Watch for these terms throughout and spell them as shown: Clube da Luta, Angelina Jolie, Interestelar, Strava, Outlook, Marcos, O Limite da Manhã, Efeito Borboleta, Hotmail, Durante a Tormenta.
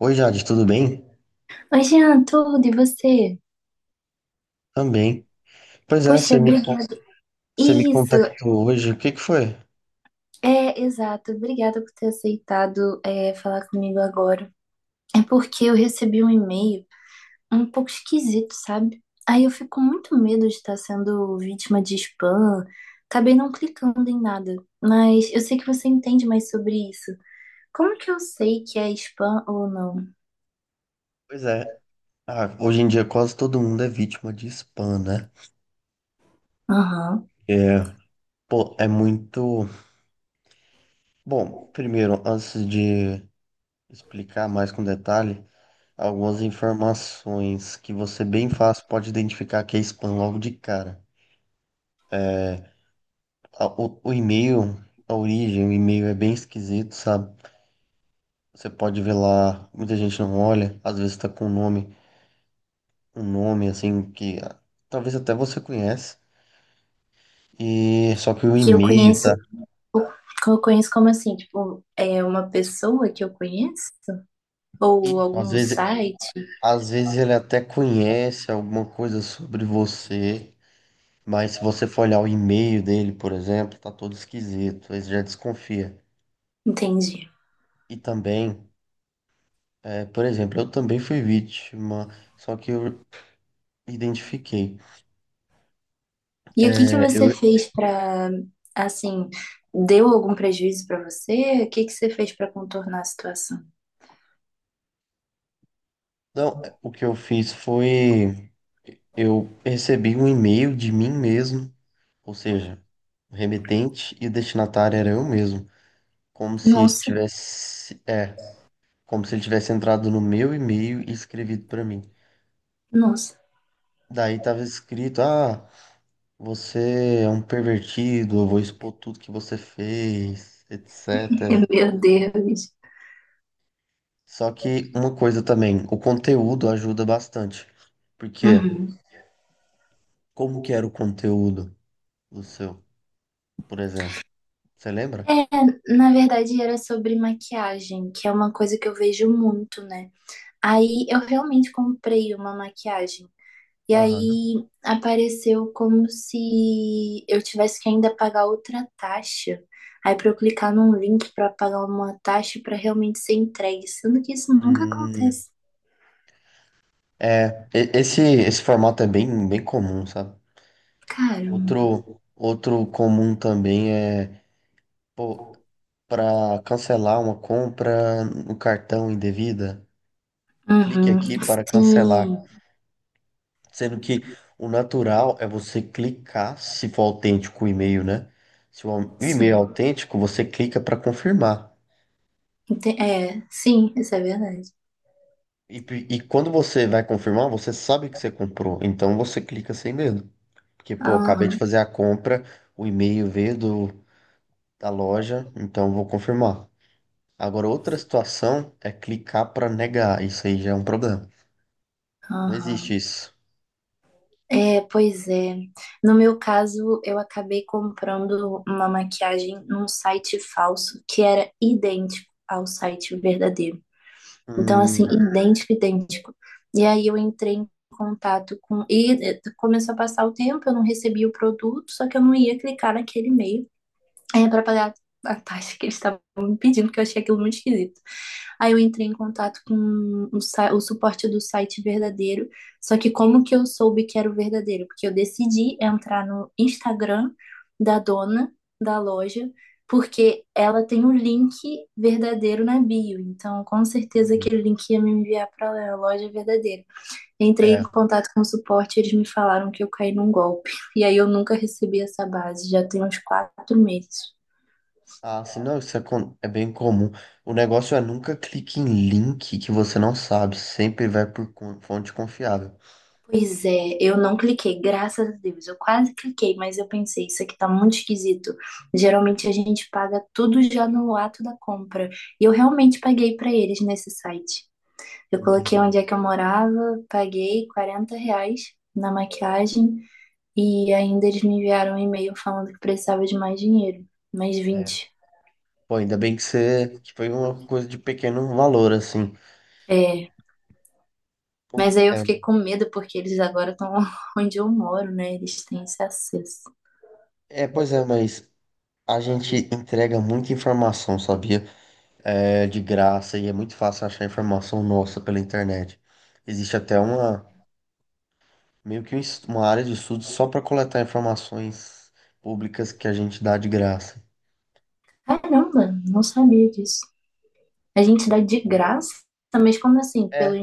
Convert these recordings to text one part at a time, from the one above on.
Oi, Jade, tudo bem? Oi, Jean, tudo e você? Também. Pois é, Poxa, obrigada. você me Isso, contactou hoje. O que que foi? é exato. Obrigada por ter aceitado falar comigo agora. É porque eu recebi um e-mail um pouco esquisito, sabe? Aí eu fico com muito medo de estar sendo vítima de spam. Acabei não clicando em nada, mas eu sei que você entende mais sobre isso. Como que eu sei que é spam ou não? Pois é. Ah, hoje em dia quase todo mundo é vítima de spam, né? Aham. É, pô, é muito. Bom, primeiro, antes de explicar mais com detalhe, algumas informações que você bem fácil pode identificar que é spam logo de cara. O e-mail, a origem, o e-mail é bem esquisito, sabe? Você pode ver lá, muita gente não olha, às vezes tá com o nome, um nome assim que talvez até você conhece. E só que o Que eu e-mail tá. conheço, que eu conheço como assim? Tipo, é uma pessoa que eu conheço? Ou Isso, algum site? às vezes ele até conhece alguma coisa sobre você, mas se você for olhar o e-mail dele, por exemplo, tá todo esquisito, ele já desconfia. Entendi. E também, por exemplo, eu também fui vítima, só que eu identifiquei. E o que que É, você eu, fez para, assim, deu algum prejuízo para você? O que que você fez para contornar a situação? não, o que eu fiz foi, eu recebi um e-mail de mim mesmo, ou seja, o remetente e o destinatário era eu mesmo, como se ele Nossa, tivesse, como se ele tivesse entrado no meu e-mail e escrevido para mim. nossa, Daí tava escrito: "Ah, você é um pervertido, eu vou expor tudo que você fez, etc." meu Deus. Só que uma coisa também, o conteúdo ajuda bastante. Porque Uhum. como que era o conteúdo do seu, por exemplo? Você lembra? É, na verdade era sobre maquiagem, que é uma coisa que eu vejo muito, né? Aí eu realmente comprei uma maquiagem. E Aham. aí apareceu como se eu tivesse que ainda pagar outra taxa. Aí para eu clicar num link para pagar uma taxa para realmente ser entregue, sendo que isso nunca acontece. É, esse formato é bem, bem comum, sabe? Caramba. Outro, outro comum também é, pô, para cancelar uma compra no cartão indevida, clique Uhum. aqui para cancelar. Sim, Sendo que o natural é você clicar, se for autêntico o e-mail, né? Se o e-mail é sim. autêntico, você clica para confirmar. É, sim, isso é verdade. E quando você vai confirmar, você sabe que você comprou, então você clica sem medo. Porque, pô, acabei de Aham, fazer a compra, o e-mail veio do da loja, então vou confirmar. Agora, outra situação é clicar para negar. Isso aí já é um problema. Não existe aham. isso. É, pois é. No meu caso, eu acabei comprando uma maquiagem num site falso que era idêntico ao site verdadeiro. Então, assim, Hum, idêntico, idêntico. E aí eu entrei em contato com. E começou a passar o tempo, eu não recebia o produto, só que eu não ia clicar naquele e-mail para pagar a taxa que eles estavam me pedindo, porque eu achei aquilo muito esquisito. Aí eu entrei em contato com o suporte do site verdadeiro. Só que como que eu soube que era o verdadeiro? Porque eu decidi entrar no Instagram da dona da loja, porque ela tem um link verdadeiro na bio. Então, com certeza entendi. aquele link ia me enviar para a loja verdadeira. Entrei em É. contato com o suporte, eles me falaram que eu caí num golpe. E aí eu nunca recebi essa base, já tem uns 4 meses. Ah, assim, não, isso é, com- é bem comum. O negócio é nunca clique em link que você não sabe. Sempre vai por fonte confiável. Pois é, eu não cliquei, graças a Deus. Eu quase cliquei, mas eu pensei, isso aqui tá muito esquisito. Geralmente a gente paga tudo já no ato da compra. E eu realmente paguei pra eles nesse site. Eu coloquei onde Entendi. é que eu morava, paguei R$ 40 na maquiagem e ainda eles me enviaram um e-mail falando que precisava de mais dinheiro, mais É. 20. Pô, ainda bem que você que foi uma coisa de pequeno valor, assim. É, O- mas aí eu É, fiquei com medo porque eles agora estão onde eu moro, né? Eles têm esse acesso. é, pois é, mas a gente entrega muita informação, sabia? É de graça e é muito fácil achar informação nossa pela internet. Existe até uma, meio que uma área de estudo só para coletar informações públicas que a gente dá de graça. Caramba, não sabia disso. A gente dá de graça, mas como assim? Pelo É,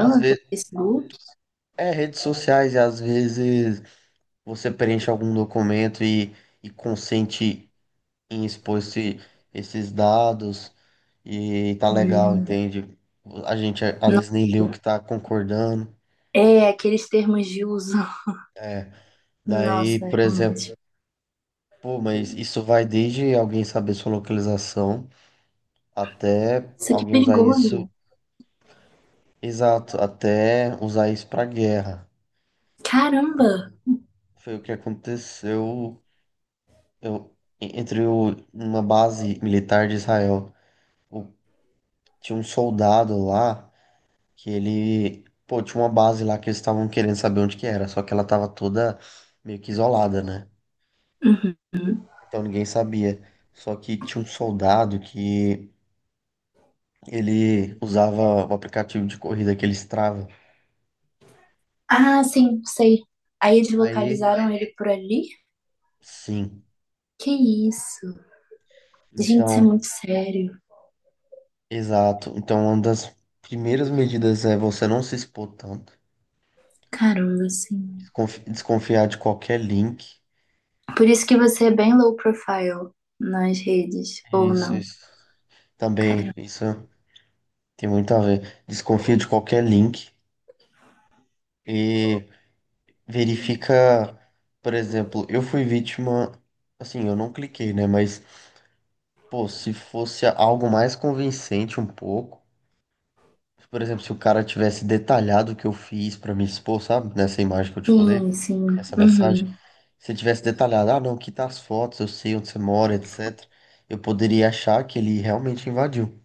às pelo vezes, Facebook? é redes sociais e às vezes você preenche algum documento e consente em expor esses dados e tá legal, entende? A gente às Não- vezes nem lê o que tá concordando. É, aqueles termos de uso. É, daí, Nossa, por exemplo, realmente. pô, mas isso vai desde alguém saber sua localização até Isso que alguém usar isso. perigoso. Exato, até usar isso pra guerra. Caramba! Então, foi o que aconteceu, eu, entre uma base militar de Israel. O- Tinha um soldado lá que ele, pô, tinha uma base lá que eles estavam querendo saber onde que era, só que ela tava toda meio que isolada, né? Uhum. Então ninguém sabia. Só que tinha um soldado que ele usava o aplicativo de corrida que ele Strava. Ah, sim, sei. Aí eles Aí, localizaram ele por ali? sim. Que isso? Gente, isso é Então, muito sério. exato. Então, uma das primeiras medidas é você não se expor tanto. Caramba, sim. Desconfiar de qualquer link. Por isso que você é bem low profile nas redes, ou Isso, não? isso. Caramba. Também, isso tem muito a ver. Desconfia de qualquer link e verifica, por exemplo, eu fui vítima, assim, eu não cliquei, né? Mas, pô, se fosse algo mais convincente um pouco, por exemplo, se o cara tivesse detalhado o que eu fiz pra me expor, sabe? Nessa imagem que eu te falei, Sim, sim. essa mensagem. Uhum. Se ele tivesse detalhado, ah, não, aqui tá as fotos, eu sei onde você mora, etc. Eu poderia achar que ele realmente invadiu.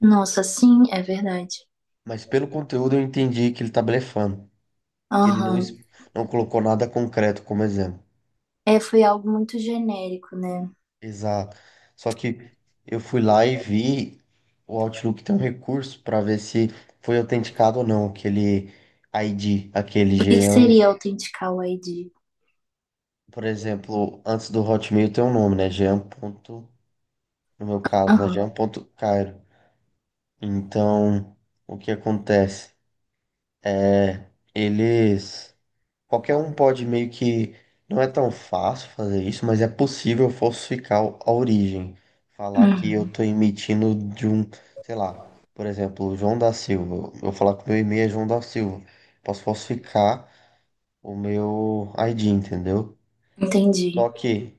Nossa, sim, é verdade. Mas pelo conteúdo eu entendi que ele tá blefando, que ele Aham. não colocou nada concreto como exemplo. É, foi algo muito genérico, né? Exato. Só que eu fui lá e vi, o Outlook tem um recurso para ver se foi autenticado ou não aquele ID, aquele O que G. que seria autenticar o ID? Por exemplo, antes do Hotmail tem um nome, né? Jean ponto, no meu caso, né? Jean Aham, ponto Cairo. Então, o que acontece? É, eles, qualquer um pode meio que, não é tão fácil fazer isso, mas é possível falsificar a origem. Falar que eu uhum, tô emitindo de um, sei lá, por exemplo, João da Silva. Eu falar que o meu e-mail é João da Silva. Posso falsificar o meu ID, entendeu? entendi. Só que,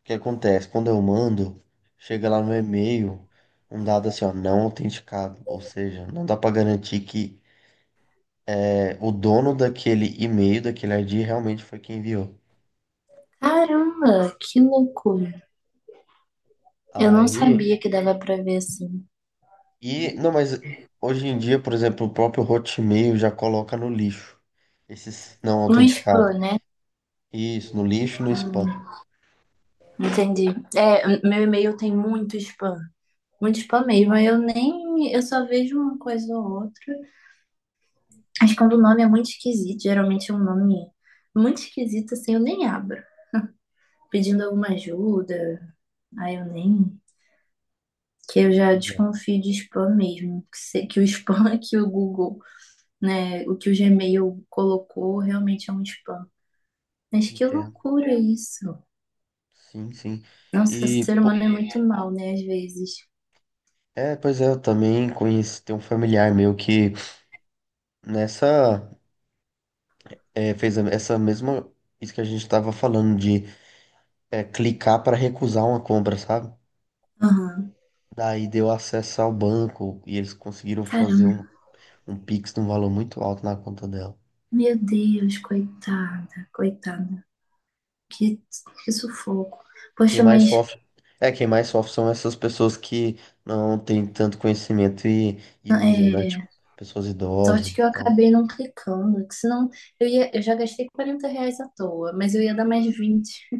o que acontece? Quando eu mando, chega lá no e-mail um dado assim, ó, não autenticado. Ou seja, não dá pra garantir que o dono daquele e-mail, daquele ID, realmente foi quem enviou. Caramba, que loucura. Eu não Aí, sabia que dava pra ver assim. Não, mas hoje em dia, por exemplo, o próprio Hotmail já coloca no lixo esses não No autenticados. spam, né? Isso, no lixo e no spam. Hum, entendi. É, meu e-mail tem muito spam. Muito spam mesmo. Aí eu nem. Eu só vejo uma coisa ou outra. Mas quando o nome é muito esquisito, geralmente é um nome muito esquisito, assim, eu nem abro. Pedindo alguma ajuda, aí eu nem. Que eu já Pois é, desconfio de spam mesmo, que, se- que o spam que o Google, né, o que o Gmail colocou realmente é um spam. Mas que entendo. loucura isso. Sim, sim. Nossa, E, ser pô, humano é muito mal, né, às vezes. Pois é, eu também conheci, tem um familiar meu que nessa, essa mesma. Isso que a gente tava falando de, clicar para recusar uma compra, sabe? Aham. Daí deu acesso ao banco e eles conseguiram fazer Caramba, um Pix de um valor muito alto na conta dela. meu Deus, coitada, coitada. Que, que sufoco. Quem Poxa, mais mas sofre. É, quem mais sofre são essas pessoas que não têm tanto conhecimento e usam, né? Tipo, é, pessoas idosas. sorte que eu acabei não clicando, que senão eu ia, eu já gastei R$ 40 à toa, mas eu ia dar mais 20